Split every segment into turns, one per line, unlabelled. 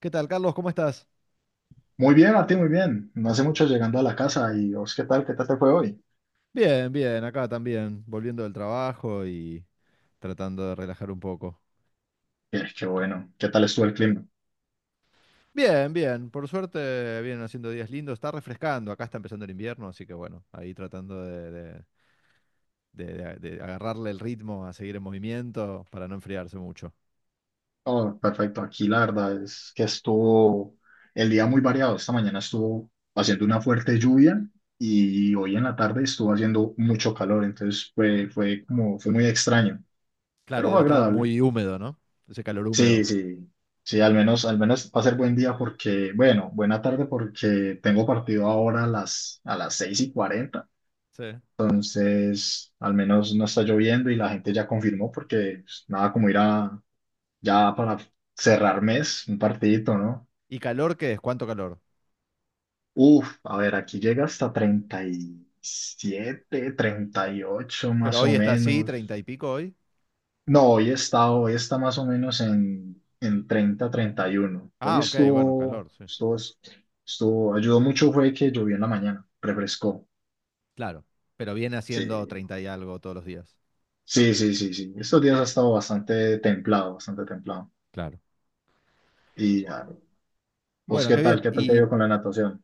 ¿Qué tal, Carlos? ¿Cómo estás?
Muy bien, Martín, muy bien. No hace mucho llegando a la casa y vos, ¿qué tal? ¿Qué tal te fue hoy?
Bien, bien, acá también, volviendo del trabajo y tratando de relajar un poco.
Qué bueno. ¿Qué tal estuvo el clima?
Bien, bien, por suerte vienen haciendo días lindos, está refrescando, acá está empezando el invierno, así que bueno, ahí tratando de- de agarrarle el ritmo a seguir en movimiento para no enfriarse mucho.
Oh, perfecto. Aquí la verdad es que estuvo el día muy variado. Esta mañana estuvo haciendo una fuerte lluvia y hoy en la tarde estuvo haciendo mucho calor. Entonces fue muy extraño,
Claro,
pero
y debe
fue
estar
agradable.
muy húmedo, ¿no? Ese calor
Sí,
húmedo.
sí. Sí, al menos va a ser buen día porque, bueno, buena tarde porque tengo partido ahora a las 6:40.
Sí.
Entonces, al menos no está lloviendo y la gente ya confirmó porque pues, nada como ir a ya para cerrar mes, un partidito, ¿no?
¿Y calor qué es? ¿Cuánto calor?
Uf, a ver, aquí llega hasta 30 37 38
Pero
más
hoy
o
está así,
menos.
treinta y pico hoy.
No, hoy está más o menos en 30 31. Hoy
Ah, ok, bueno, calor, sí.
ayudó mucho fue que llovió en la mañana, refrescó.
Claro, pero viene
Sí,
haciendo treinta y algo todos los días.
sí, sí, sí, sí. Estos días ha estado bastante templado, bastante templado.
Claro.
Y ah, ¿Vos
Bueno,
qué
qué
tal?
bien.
¿Qué tal te ha
Y
ido con la natación?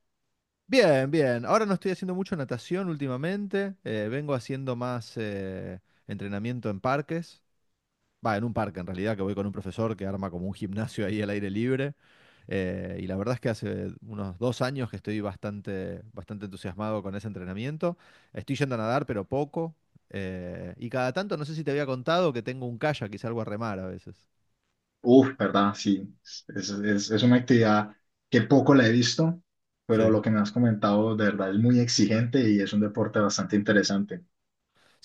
bien, bien. Ahora no estoy haciendo mucho natación últimamente. Vengo haciendo más entrenamiento en parques. Va, en un parque en realidad, que voy con un profesor que arma como un gimnasio ahí al aire libre. Y la verdad es que hace unos dos años que estoy bastante, bastante entusiasmado con ese entrenamiento. Estoy yendo a nadar, pero poco. Y cada tanto, no sé si te había contado que tengo un kayak y salgo a remar a veces.
Uf, ¿verdad? Sí, es una actividad que poco la he visto, pero
Sí.
lo que me has comentado de verdad es muy exigente y es un deporte bastante interesante.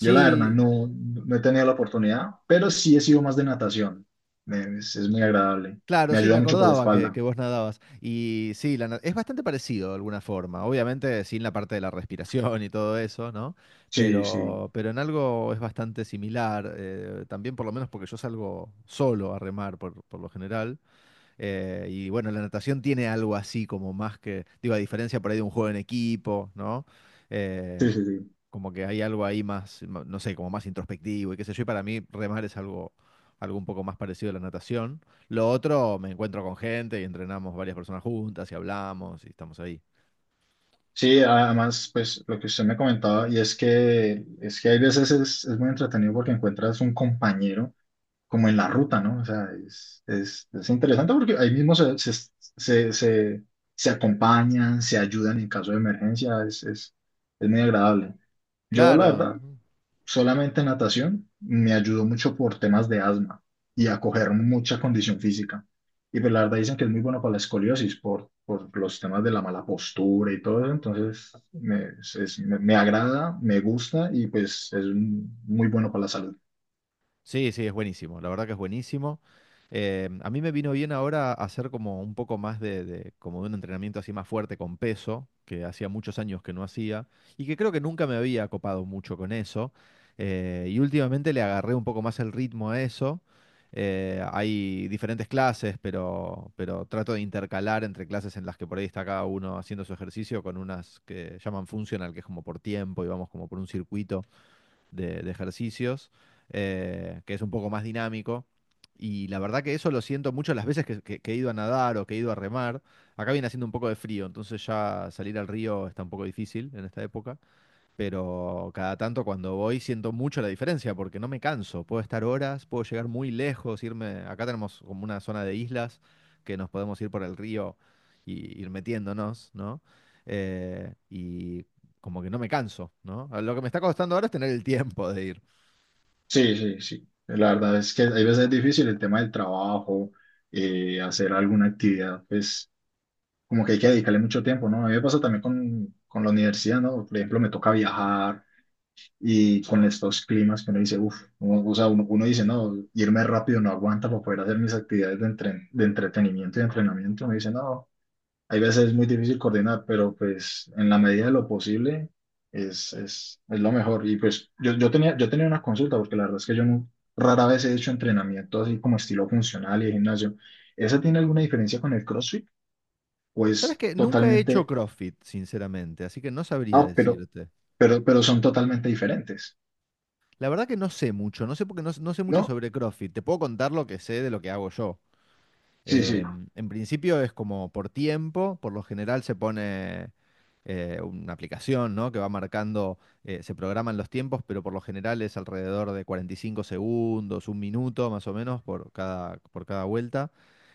Yo la verdad no he tenido la oportunidad, pero sí he sido más de natación. Es muy agradable.
claro,
Me
sí, me
ayuda mucho por la
acordaba que
espalda.
vos nadabas. Y sí, es bastante parecido de alguna forma. Obviamente sin la parte de la respiración y todo eso, ¿no?
Sí, sí,
Pero en algo es bastante similar. También por lo menos porque yo salgo solo a remar por lo general. Y bueno, la natación tiene algo así como más que, digo, a diferencia por ahí de un juego en equipo, ¿no? Eh,
sí, sí, sí.
Como que hay algo ahí más, no sé, como más introspectivo y qué sé yo. Y para mí remar es algo un poco más parecido a la natación. Lo otro, me encuentro con gente y entrenamos varias personas juntas y hablamos y estamos ahí.
Sí, además, pues lo que usted me comentaba, y es que hay veces es muy entretenido porque encuentras un compañero como en la ruta, ¿no? O sea, es interesante porque ahí mismo se, se, se acompañan, se ayudan en caso de emergencia, es muy agradable. Yo, la verdad,
Claro,
solamente natación me ayudó mucho por temas de asma y a coger mucha condición física. Y pues la verdad dicen que es muy bueno para la escoliosis por los temas de la mala postura y todo eso. Entonces, me agrada, me gusta y pues es muy bueno para la salud.
sí, sí, es buenísimo. La verdad que es buenísimo. A mí me vino bien ahora hacer como un poco más de, como de un entrenamiento así más fuerte con peso, que hacía muchos años que no hacía, y que creo que nunca me había copado mucho con eso. Y últimamente le agarré un poco más el ritmo a eso. Hay diferentes clases, pero trato de intercalar entre clases en las que por ahí está cada uno haciendo su ejercicio con unas que llaman funcional, que es como por tiempo y vamos como por un circuito de ejercicios, que es un poco más dinámico. Y la verdad que eso lo siento mucho las veces que, que he ido a nadar o que he ido a remar. Acá viene haciendo un poco de frío, entonces ya salir al río está un poco difícil en esta época, pero cada tanto cuando voy siento mucho la diferencia porque no me canso, puedo estar horas, puedo llegar muy lejos, irme, acá tenemos como una zona de islas que nos podemos ir por el río y ir metiéndonos, ¿no? Y como que no me canso, ¿no? Lo que me está costando ahora es tener el tiempo de ir.
Sí, sí, sí. La verdad es que hay veces difícil el tema del trabajo, hacer alguna actividad, pues como que hay que dedicarle mucho tiempo, ¿no? A mí me pasa también con la universidad, ¿no? Por ejemplo, me toca viajar y con estos climas que uno dice, uff, o sea, uno dice, no, irme rápido no aguanta para poder hacer mis actividades de entretenimiento y entrenamiento. Uno dice, no, hay veces es muy difícil coordinar, pero pues en la medida de lo posible es lo mejor. Y pues yo tenía una consulta, porque la verdad es que yo no, rara vez he hecho entrenamiento así como estilo funcional y de gimnasio. ¿Esa tiene alguna diferencia con el CrossFit?
¿Sabes
Pues
que nunca he hecho
totalmente,
CrossFit, sinceramente, así que no sabría
ah, pero,
decirte?
pero son totalmente diferentes,
La verdad que no sé mucho, no sé porque no sé mucho
¿no?
sobre CrossFit. Te puedo contar lo que sé de lo que hago yo.
Sí, sí.
Eh, en principio es como por tiempo, por lo general se pone una aplicación, ¿no?, que va marcando, se programan los tiempos, pero por lo general es alrededor de 45 segundos, un minuto más o menos por cada vuelta,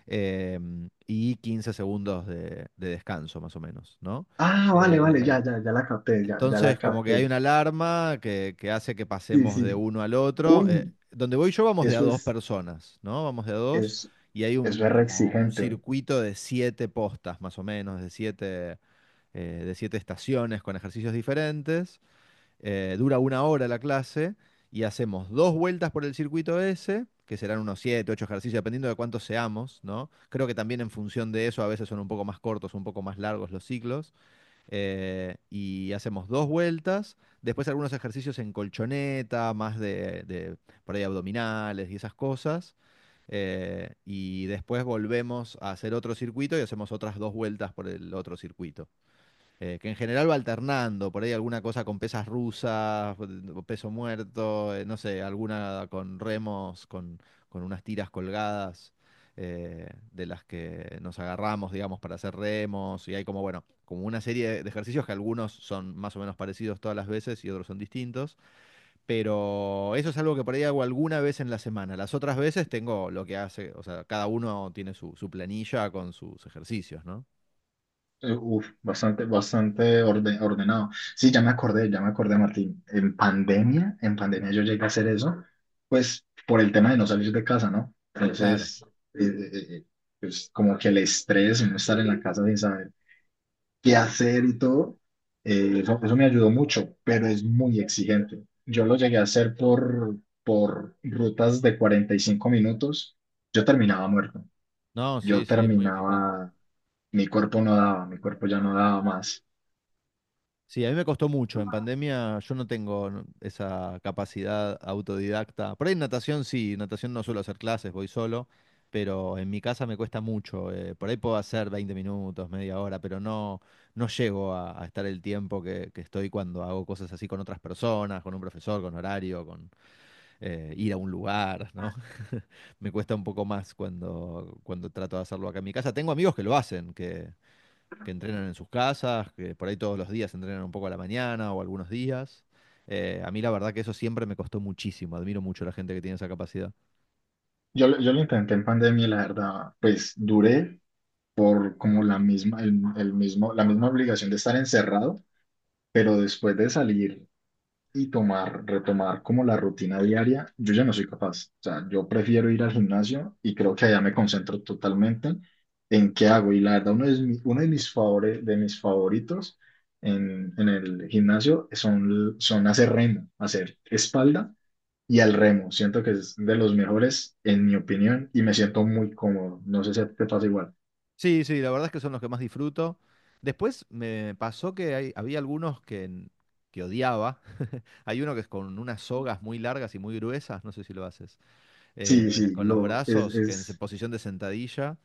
y 15 segundos de descanso más o menos, ¿no?
Ah, vale, vale,
Eh,
ya, ya, ya la capté, ya, ya la
entonces, como que hay
capté.
una alarma que hace que
Sí,
pasemos de
sí.
uno al otro. Eh,
Uy,
donde voy yo vamos de a
eso
dos
es,
personas, ¿no? Vamos de a dos
es,
y hay
eso es re
como un
exigente.
circuito de siete postas, más o menos, de siete estaciones con ejercicios diferentes. Dura una hora la clase y hacemos dos vueltas por el circuito ese, que serán unos siete, ocho ejercicios, dependiendo de cuántos seamos, ¿no? Creo que también en función de eso a veces son un poco más cortos, un poco más largos los ciclos, y hacemos dos vueltas, después algunos ejercicios en colchoneta, más de por ahí abdominales y esas cosas, y después volvemos a hacer otro circuito y hacemos otras dos vueltas por el otro circuito, que en general va alternando, por ahí alguna cosa con pesas rusas, peso muerto, no sé, alguna con remos, con unas tiras colgadas de las que nos agarramos, digamos, para hacer remos, y hay como, bueno, como una serie de ejercicios que algunos son más o menos parecidos todas las veces y otros son distintos, pero eso es algo que por ahí hago alguna vez en la semana. Las otras veces tengo lo que hace, o sea, cada uno tiene su planilla con sus ejercicios, ¿no?
Uf, bastante ordenado. Sí, ya me acordé, Martín. En pandemia yo llegué a hacer eso, pues por el tema de no salir de casa, ¿no?
Claro.
Entonces, eh, eh, eh, eh, pues como que el estrés, no estar en la casa sin saber qué hacer y todo, eso me ayudó mucho, pero es muy exigente. Yo lo llegué a hacer por rutas de 45 minutos, yo terminaba muerto,
No,
yo
sí, sí, es muy exigente.
terminaba, mi cuerpo no daba, mi cuerpo ya no daba más.
Sí, a mí me costó mucho. En pandemia yo no tengo, no, esa capacidad autodidacta. Por ahí en natación sí, natación no suelo hacer clases, voy solo, pero en mi casa me cuesta mucho. Por ahí puedo hacer 20 minutos, media hora, pero no, no llego a estar el tiempo que estoy cuando hago cosas así con otras personas, con un profesor, con horario, con ir a un lugar, ¿no? Me cuesta un poco más cuando, cuando trato de hacerlo acá en mi casa. Tengo amigos que lo hacen, que entrenan en sus casas, que por ahí todos los días entrenan un poco a la mañana o algunos días. A mí la verdad que eso siempre me costó muchísimo, admiro mucho a la gente que tiene esa capacidad.
Yo lo intenté en pandemia, y la verdad, pues duré por como la misma, el mismo, la misma obligación de estar encerrado, pero después de salir y retomar como la rutina diaria, yo ya no soy capaz. O sea, yo prefiero ir al gimnasio y creo que allá me concentro totalmente en qué hago. Y la verdad, uno de de mis favoritos en el gimnasio son hacer remo, hacer espalda y al remo. Siento que es de los mejores, en mi opinión, y me siento muy cómodo. No sé si a ti te pasa igual.
Sí, sí, la verdad es que son los que más disfruto. Después me pasó que había algunos que odiaba. Hay uno que es con unas sogas muy largas y muy gruesas, no sé si lo haces.
Sí,
eh,
sí,
con los brazos, que en posición de sentadilla.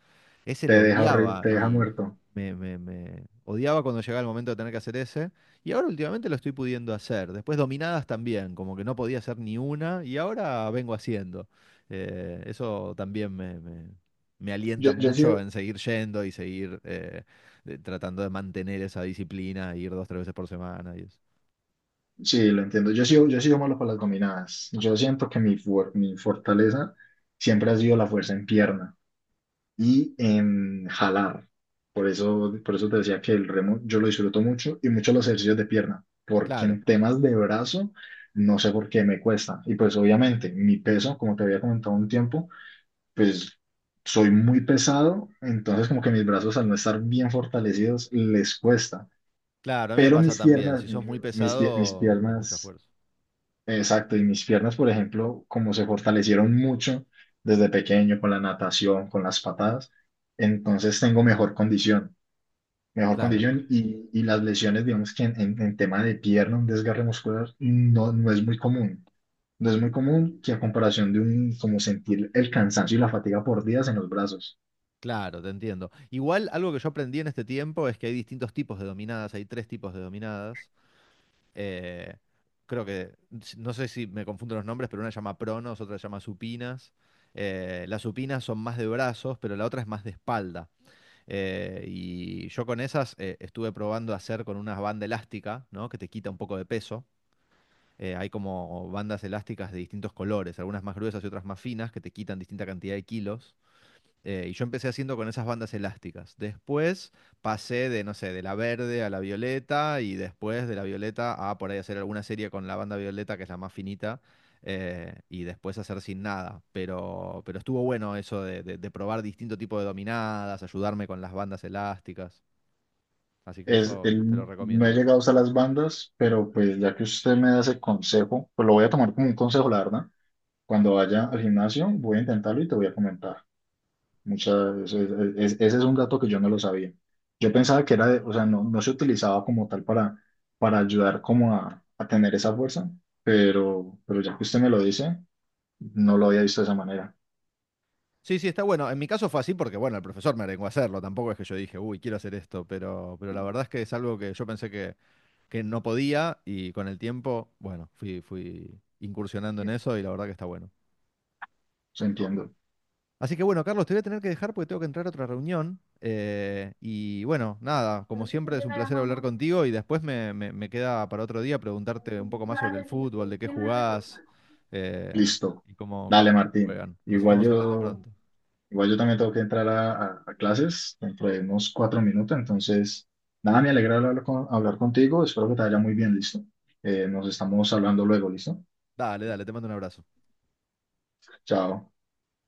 Ese
te
lo
deja horri-
odiaba
te deja
y
muerto.
odiaba cuando llegaba el momento de tener que hacer ese. Y ahora últimamente lo estoy pudiendo hacer. Después dominadas también, como que no podía hacer ni una y ahora vengo haciendo. Eso también me alienta
Yo, yo he
mucho
sido,
en seguir yendo y seguir tratando de mantener esa disciplina, ir dos, tres veces por semana y eso.
sí, lo entiendo. Yo he sido malo para las dominadas. Yo siento que mi fortaleza siempre ha sido la fuerza en pierna. Y en jalar. Por eso te decía que el remo yo lo disfruto mucho y mucho los ejercicios de pierna, porque
Claro,
en temas de brazo no sé por qué me cuesta. Y pues obviamente mi peso, como te había comentado un tiempo, pues soy muy pesado, entonces como que mis brazos al no estar bien fortalecidos les cuesta.
claro, a mí me
Pero
pasa
mis
también.
piernas,
Si sos muy
mis, pie- mis
pesado, es mucha
piernas
fuerza.
Exacto, y mis piernas, por ejemplo, como se fortalecieron mucho desde pequeño con la natación, con las patadas, entonces tengo mejor condición, mejor
Claro.
condición y las lesiones, digamos que en tema de pierna, un desgarre muscular no es muy común. No es muy común que a comparación de un, como sentir el cansancio y la fatiga por días en los brazos.
Claro, te entiendo. Igual algo que yo aprendí en este tiempo es que hay distintos tipos de dominadas, hay tres tipos de dominadas. Eh, creo que, si, no sé si me confundo los nombres, pero una se llama pronos, otra se llama supinas. Las supinas son más de brazos, pero la otra es más de espalda. Y yo con esas estuve probando hacer con una banda elástica, ¿no?, que te quita un poco de peso. Hay como bandas elásticas de distintos colores, algunas más gruesas y otras más finas, que te quitan distinta cantidad de kilos. Y yo empecé haciendo con esas bandas elásticas. Después pasé de, no sé, de la verde a la violeta y después de la violeta a por ahí hacer alguna serie con la banda violeta, que es la más finita, y después hacer sin nada. Pero estuvo bueno eso de, de probar distinto tipo de dominadas, ayudarme con las bandas elásticas. Así que eso te lo
No he
recomiendo.
llegado hasta las bandas, pero pues ya que usted me da ese consejo, pues lo voy a tomar como un consejo, la verdad. Cuando vaya al gimnasio, voy a intentarlo y te voy a comentar. Muchas, es- Ese es un dato que yo no lo sabía. Yo pensaba que era de, o sea, no se utilizaba como tal para ayudar como a tener esa fuerza, pero ya que usted me lo dice, no lo había visto de esa manera.
Sí, sí, está bueno. En mi caso fue así porque, bueno, el profesor me arengó a hacerlo. Tampoco es que yo dije, uy, quiero hacer esto, pero la verdad es que es algo que yo pensé que no podía y con el tiempo, bueno, fui incursionando en eso y la verdad que está bueno.
Se entiendo.
Así que bueno, Carlos, te voy a tener que dejar porque tengo que entrar a otra reunión. Y bueno, nada, como siempre es un placer hablar contigo y después me queda para otro día preguntarte un poco más sobre el fútbol, de qué jugás, eh,
Listo.
y cómo
Dale, Martín.
juegan. Nos
Igual
estamos hablando
yo,
pronto.
igual yo también tengo que entrar a clases dentro de unos 4 minutos, entonces, nada, me alegra hablar contigo. Espero que te vaya muy bien, listo. Nos estamos hablando luego, ¿listo?
Dale, dale, te mando un abrazo.
Chao.